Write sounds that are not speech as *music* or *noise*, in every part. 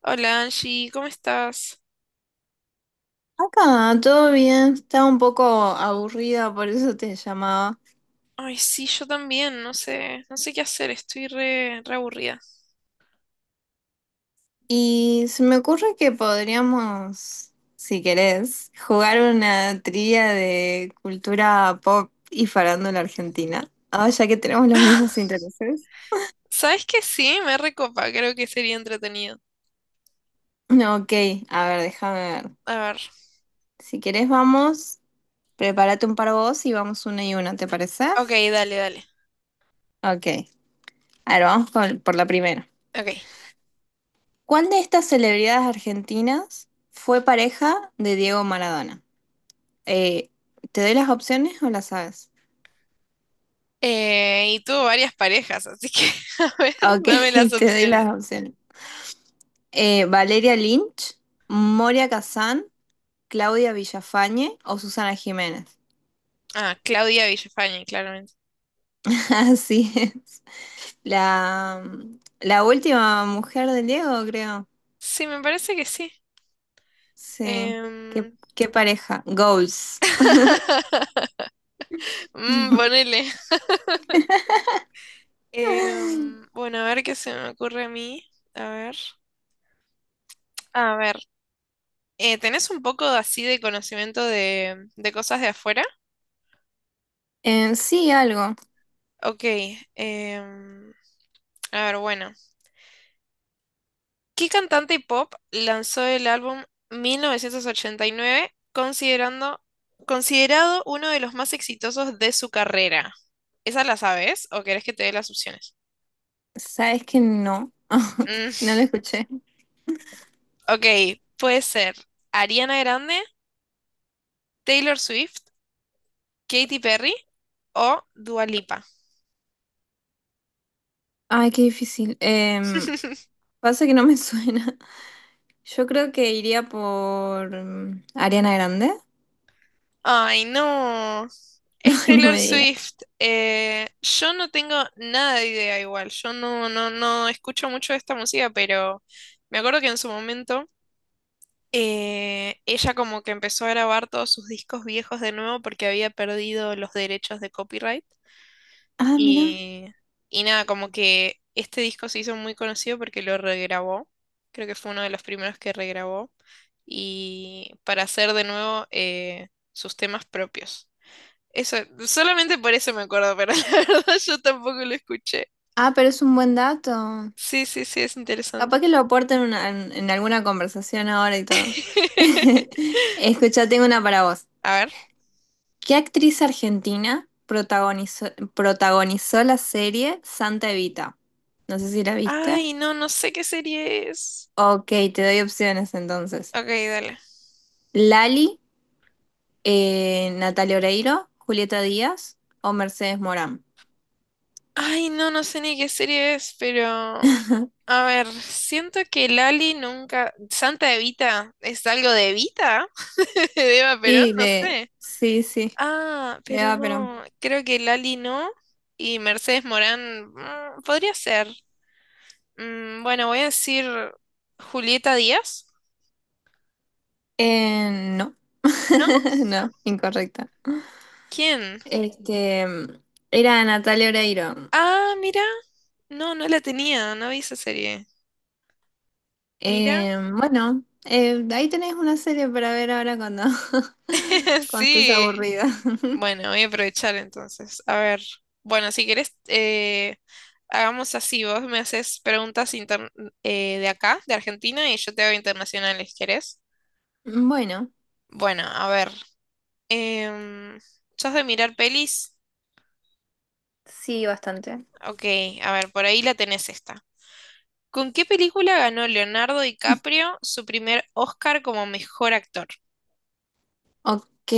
Hola Angie, ¿cómo estás? Acá, todo bien, estaba un poco aburrida, por eso te llamaba. Ay, sí, yo también, no sé, no sé qué hacer, estoy re, re aburrida. Y se me ocurre que podríamos, si querés, jugar una trivia de cultura pop y farándula argentina. Ahora ya que tenemos los mismos *laughs* intereses. ¿Sabes qué? Sí, me recopa, creo que sería entretenido. No, ok, a ver, déjame ver. A ver, Si querés, vamos, prepárate un par vos y vamos una y una, ¿te parece? ok, dale, dale, Ok, a ver, vamos por la primera. ok. ¿Cuál de estas celebridades argentinas fue pareja de Diego Maradona? Eh, ¿Te doy las opciones o las sabes? Y tuvo varias parejas, así que, *laughs* a ver, Ok, dame las *laughs* te doy las opciones. opciones. Valeria Lynch, Moria Kazán, Claudia Villafañe o Susana Jiménez. Ah, Claudia Villafañe, claramente. *laughs* Así es. La, la última mujer de Diego, creo. Sí, me parece que sí. Sí. ¿Qué, Em, ¿qué pareja? Goals. mm, *laughs* ponele. Bueno, a ver qué se me ocurre a mí. A ver. A ver. ¿Tenés un poco así de conocimiento de cosas de afuera? Sí, algo. Ok, em, a ver, bueno. ¿Qué cantante pop lanzó el álbum 1989 considerado uno de los más exitosos de su carrera? ¿Esa la sabes o querés que te dé las opciones? Sabes que no. *laughs* Mm, No lo escuché. ok, puede ser Ariana Grande, Taylor Swift, Katy Perry o Dua Lipa. Ay, qué difícil. Pasa que no me *laughs* suena. Yo creo que iría por mm, Ariana Grande. Ay, no. *laughs* Es Ay, no Taylor me digas. Swift. Yo no tengo nada de idea igual. Yo no escucho mucho de esta música, pero me acuerdo que en su momento ella como que empezó a grabar todos sus discos viejos de nuevo porque había perdido los derechos de copyright. Ah, mira. Y, y nada, como que este disco se hizo muy conocido porque lo regrabó. Creo que fue uno de los primeros que regrabó. Y para hacer de nuevo sus temas propios. Eso, solamente por eso me acuerdo, pero *laughs* la verdad yo tampoco lo escuché. Ah, pero es un buen dato. Sí, sí, sí, es Capaz interesante. que lo aporten en alguna conversación ahora y todo. *laughs* *laughs* Escucha, tengo una para vos. A ver. ¿Qué actriz argentina protagonizó, ¿protagonizó la serie Santa Evita? No sé si la viste. Ay, no, no sé qué serie es. Ok, te doy opciones entonces. Ok, dale. Lali, Natalia Oreiro, Julieta Díaz o Mercedes Morán. Ay, no, no sé ni qué serie es, pero... A ver, siento que Lali nunca... Santa Evita, ¿es algo de Evita? *laughs* De Eva Perón, Sí, no de... sé. Sí, sí. Ah, Me pero da pena. no, creo que Lali no. Y Mercedes Morán, mm, podría ser. Mm, bueno, voy a decir Julieta Díaz. Eh, no. ¿No? *laughs* No, incorrecta. ¿Quién? Este, era Natalia Oreiro. Ah, mira. No, no la tenía, no vi esa serie. Mira. Eh, bueno, ahí tenés una serie para ver ahora cuando, *laughs* *laughs* cuando estés Sí. aburrida. *laughs* Bueno, voy a aprovechar entonces. A ver. Bueno, si querés, hagamos así. Vos me haces de acá, de Argentina, y yo te hago internacionales, ¿querés? Bueno, Bueno, a ver. em, ¿Sos de mirar pelis? sí, bastante. Ok, a ver, por ahí la tenés esta. ¿Con qué película ganó Leonardo DiCaprio su primer Oscar como mejor actor? Ok.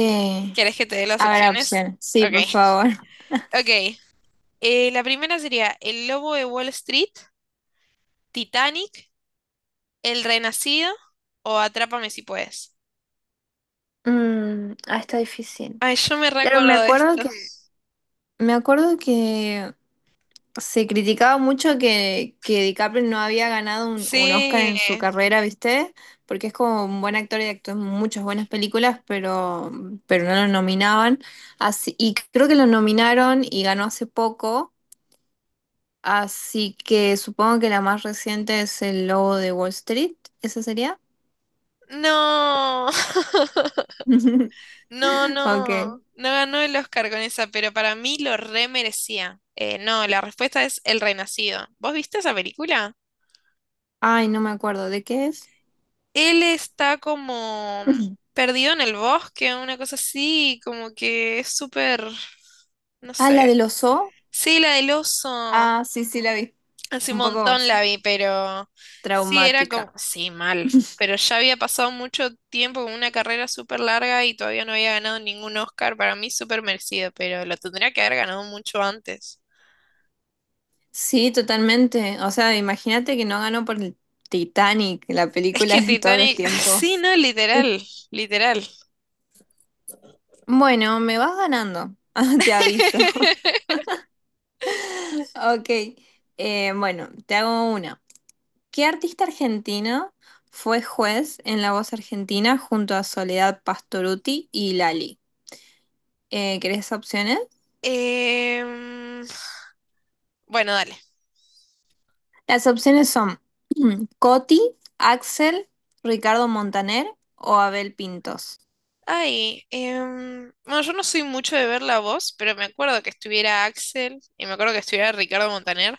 ¿Querés que te dé las A ver, opciones? opción. Sí, Ok, por favor. *laughs* ok. La primera sería El Lobo de Wall Street, Titanic, El Renacido o Atrápame si puedes. Mm, ah, está difícil. Ay, yo me Claro, me recuerdo de acuerdo esto. que, me acuerdo que se criticaba mucho que DiCaprio no había ganado un Oscar Sí. en su carrera, ¿viste? Porque es como un buen actor y actuó en muchas buenas películas, pero no lo nominaban. Así, y creo que lo nominaron y ganó hace poco, así que supongo que la más reciente es El Lobo de Wall Street, ¿esa sería? No. *laughs* *laughs* No, Ok. no. No ganó el Oscar con esa, pero para mí lo re merecía. No, la respuesta es El Renacido. ¿Vos viste esa película? Ay, no me acuerdo, ¿de qué es? Él está como *clears throat* perdido en el bosque, una cosa así, como que es súper, no Ah, la sé. del oso. Sí, la del oso, Ah, sí, sí, la vi. hace un Un poco montón la vi, pero sí, era como, traumática. sí, mal, pero ya había pasado mucho tiempo con una carrera súper larga y todavía no había ganado ningún Oscar, para mí súper merecido, pero lo tendría que haber ganado mucho antes. Sí, totalmente. O sea, imagínate que no ganó por el Titanic, la Es película que de todos los Titanic, *laughs* sí, tiempos. no, *laughs* literal, literal. Bueno, me vas ganando, *laughs* te aviso. *laughs* Ok, bueno, te hago una. ¿Qué artista argentino fue juez en La Voz Argentina junto a Soledad Pastorutti y Lali? ¿Querés opciones? Em, bueno, dale. Las opciones son Coti, Axel, Ricardo Montaner o Abel Pintos. Ay, bueno, yo no soy mucho de ver La Voz, pero me acuerdo que estuviera Axel y me acuerdo que estuviera Ricardo Montaner,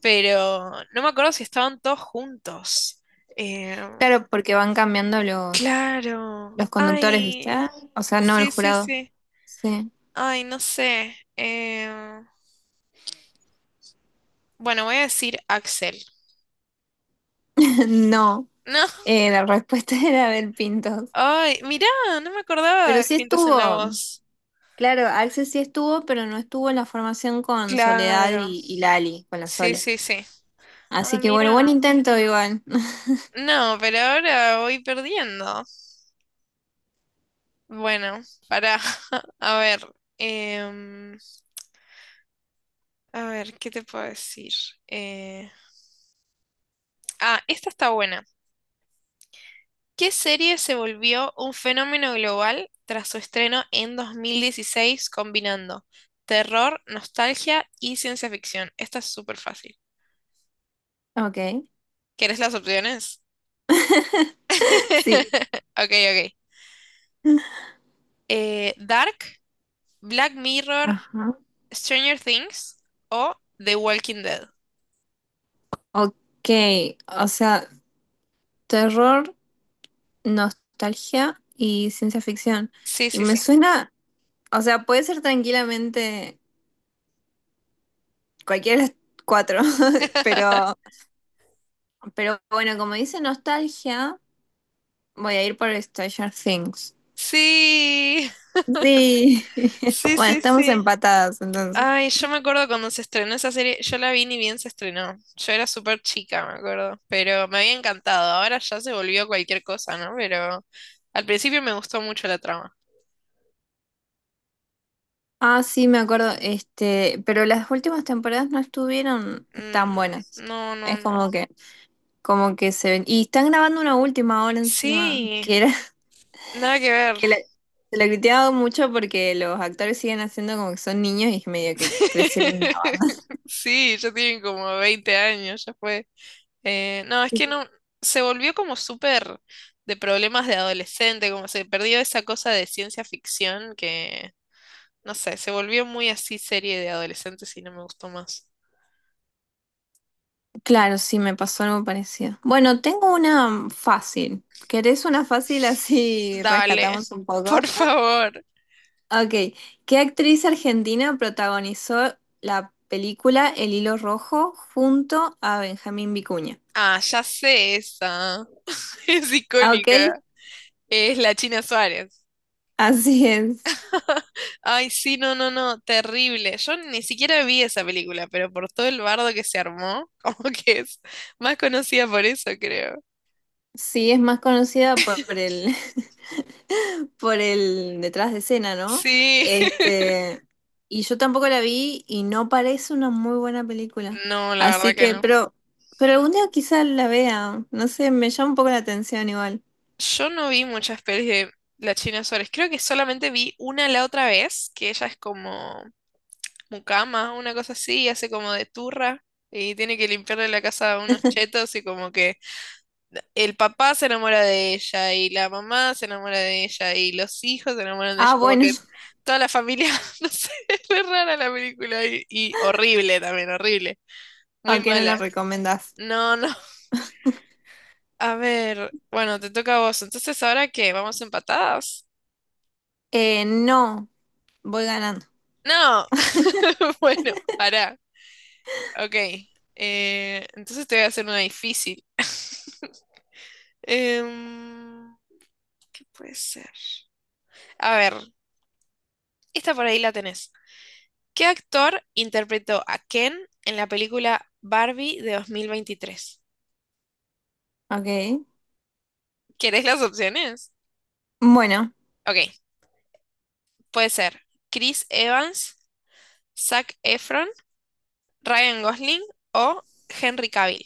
pero no me acuerdo si estaban todos juntos. Em, Claro, porque van cambiando claro, los conductores, ¿viste? ay, Ah, o sea, no el sí, sí, jurado. sí. Sí. Ay, no sé. Bueno, voy a decir Axel. *laughs* No. No, La respuesta *laughs* era del Pintos. ay, mirá, no me acordaba Pero de sí Pintas en la estuvo. Voz. Claro, Axel sí estuvo, pero no estuvo en la formación con Soledad Claro, y Lali, con la sí, Sole. sí, sí. Ah, Así que bueno, mirá. buen intento igual. *laughs* No, pero ahora voy perdiendo. Bueno, para, *laughs* a ver, em, a ver, ¿qué te puedo decir? Eh, ah, esta está buena. ¿Qué serie se volvió un fenómeno global tras su estreno en 2016 combinando terror, nostalgia y ciencia ficción? Esta es súper fácil. Ok. ¿Quieres las opciones? Sí. *laughs* Ok, ok. Dark, Black Mirror, Ajá. Stranger Things o The Walking Dead. Ok. O sea, terror, nostalgia y ciencia ficción. Sí, Y sí, me sí. suena. O sea, puede ser tranquilamente cualquiera de las cuatro, *laughs* *laughs* pero. Pero bueno, como dice nostalgia, voy a ir por Stranger Things. Sí. Sí. *laughs* Sí, Bueno, sí, estamos sí. empatadas entonces. Ay, yo me acuerdo cuando se estrenó esa serie, yo la vi ni bien se estrenó. Yo era súper chica, me acuerdo, pero me había encantado. Ahora ya se volvió cualquier cosa, ¿no? Pero al principio me gustó mucho la trama. Ah, sí, me acuerdo. Este, pero las últimas temporadas no estuvieron tan Mm, buenas. no, no, Es no. como que, como que se ven. Y están grabando una última ahora encima, Sí, que era, *laughs* nada que ver. que la, se la criticaba mucho porque los actores siguen haciendo como que son niños y medio que crecieron una *laughs* Sí, ya tienen como 20 años, ya fue. No, es banda. que no, se volvió como súper de problemas de adolescente, como se perdió esa cosa de ciencia ficción que no sé, se volvió muy así serie de adolescentes y no me gustó más. Claro, sí, me pasó algo parecido. Bueno, tengo una fácil. ¿Querés una fácil *laughs* así Dale, rescatamos un *laughs* por poco? favor. Ok, ¿qué actriz argentina protagonizó la película El Hilo Rojo junto a Benjamín Vicuña? Ah, ya sé esa. *laughs* Es Ah, ok, icónica. Es la China Suárez. así es. Ay, sí, no, no, no, terrible. Yo ni siquiera vi esa película, pero por todo el bardo que se armó, *laughs* como que es más conocida por eso, creo. Sí, es más conocida por *laughs* por el detrás de escena, ¿no? Sí, Este, y yo tampoco la vi y no parece una muy buena película. *laughs* no, la Así verdad que que, no. pero, pero algún día quizás la vea. No sé, me llama un poco la atención igual. Yo no vi muchas pelis de la China Suárez. Creo que solamente vi una la otra vez, que ella es como mucama, una cosa así, y hace como de turra y tiene que limpiarle la casa a unos chetos y como que el papá se enamora de ella y la mamá se enamora de ella y los hijos se enamoran de ella, Ah, como bueno, que *laughs* toda la familia, *laughs* no sé, es re rara la película y horrible también, horrible, muy ¿a qué no la mala. recomendás? No, no, a ver, bueno, te toca a vos, entonces ahora qué, vamos empatadas. No, voy ganando. No, *laughs* bueno, pará, ok, entonces te voy a hacer una difícil. *laughs* Em, ¿qué puede ser? A ver, esta por ahí la tenés. ¿Qué actor interpretó a Ken en la película Barbie de 2023? Ok. ¿Querés las opciones? Bueno, Ok, puede ser Chris Evans, Zac Efron, Ryan Gosling o Henry Cavill.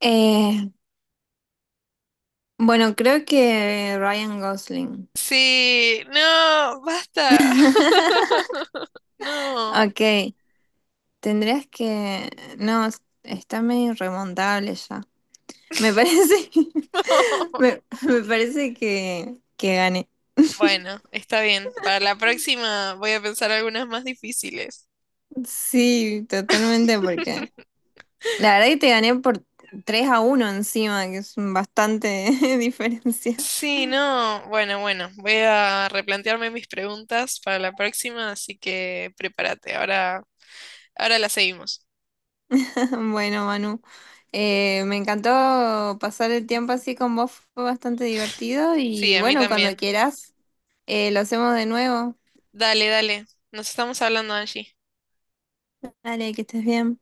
eh, bueno, creo que Ryan Gosling. Sí, no, basta. *laughs* *laughs* No. Ok. Tendrías que... No, está medio irremontable ya. Me parece, *laughs* *laughs* me parece que gané. Bueno, está bien. Para la próxima voy a pensar algunas más difíciles. Sí, totalmente, porque *laughs* la verdad que te gané por 3-1 encima, que es bastante *laughs* diferencia. *laughs* Sí, no. Bueno, bueno, voy a replantearme mis preguntas para la próxima, así que prepárate. Ahora, ahora la seguimos. Bueno, Manu, me encantó pasar el tiempo así con vos, fue bastante divertido Sí, y a mí bueno, bueno, cuando también. quieras, lo hacemos de nuevo. Dale, dale. Nos estamos hablando, Angie. Dale, que estés bien.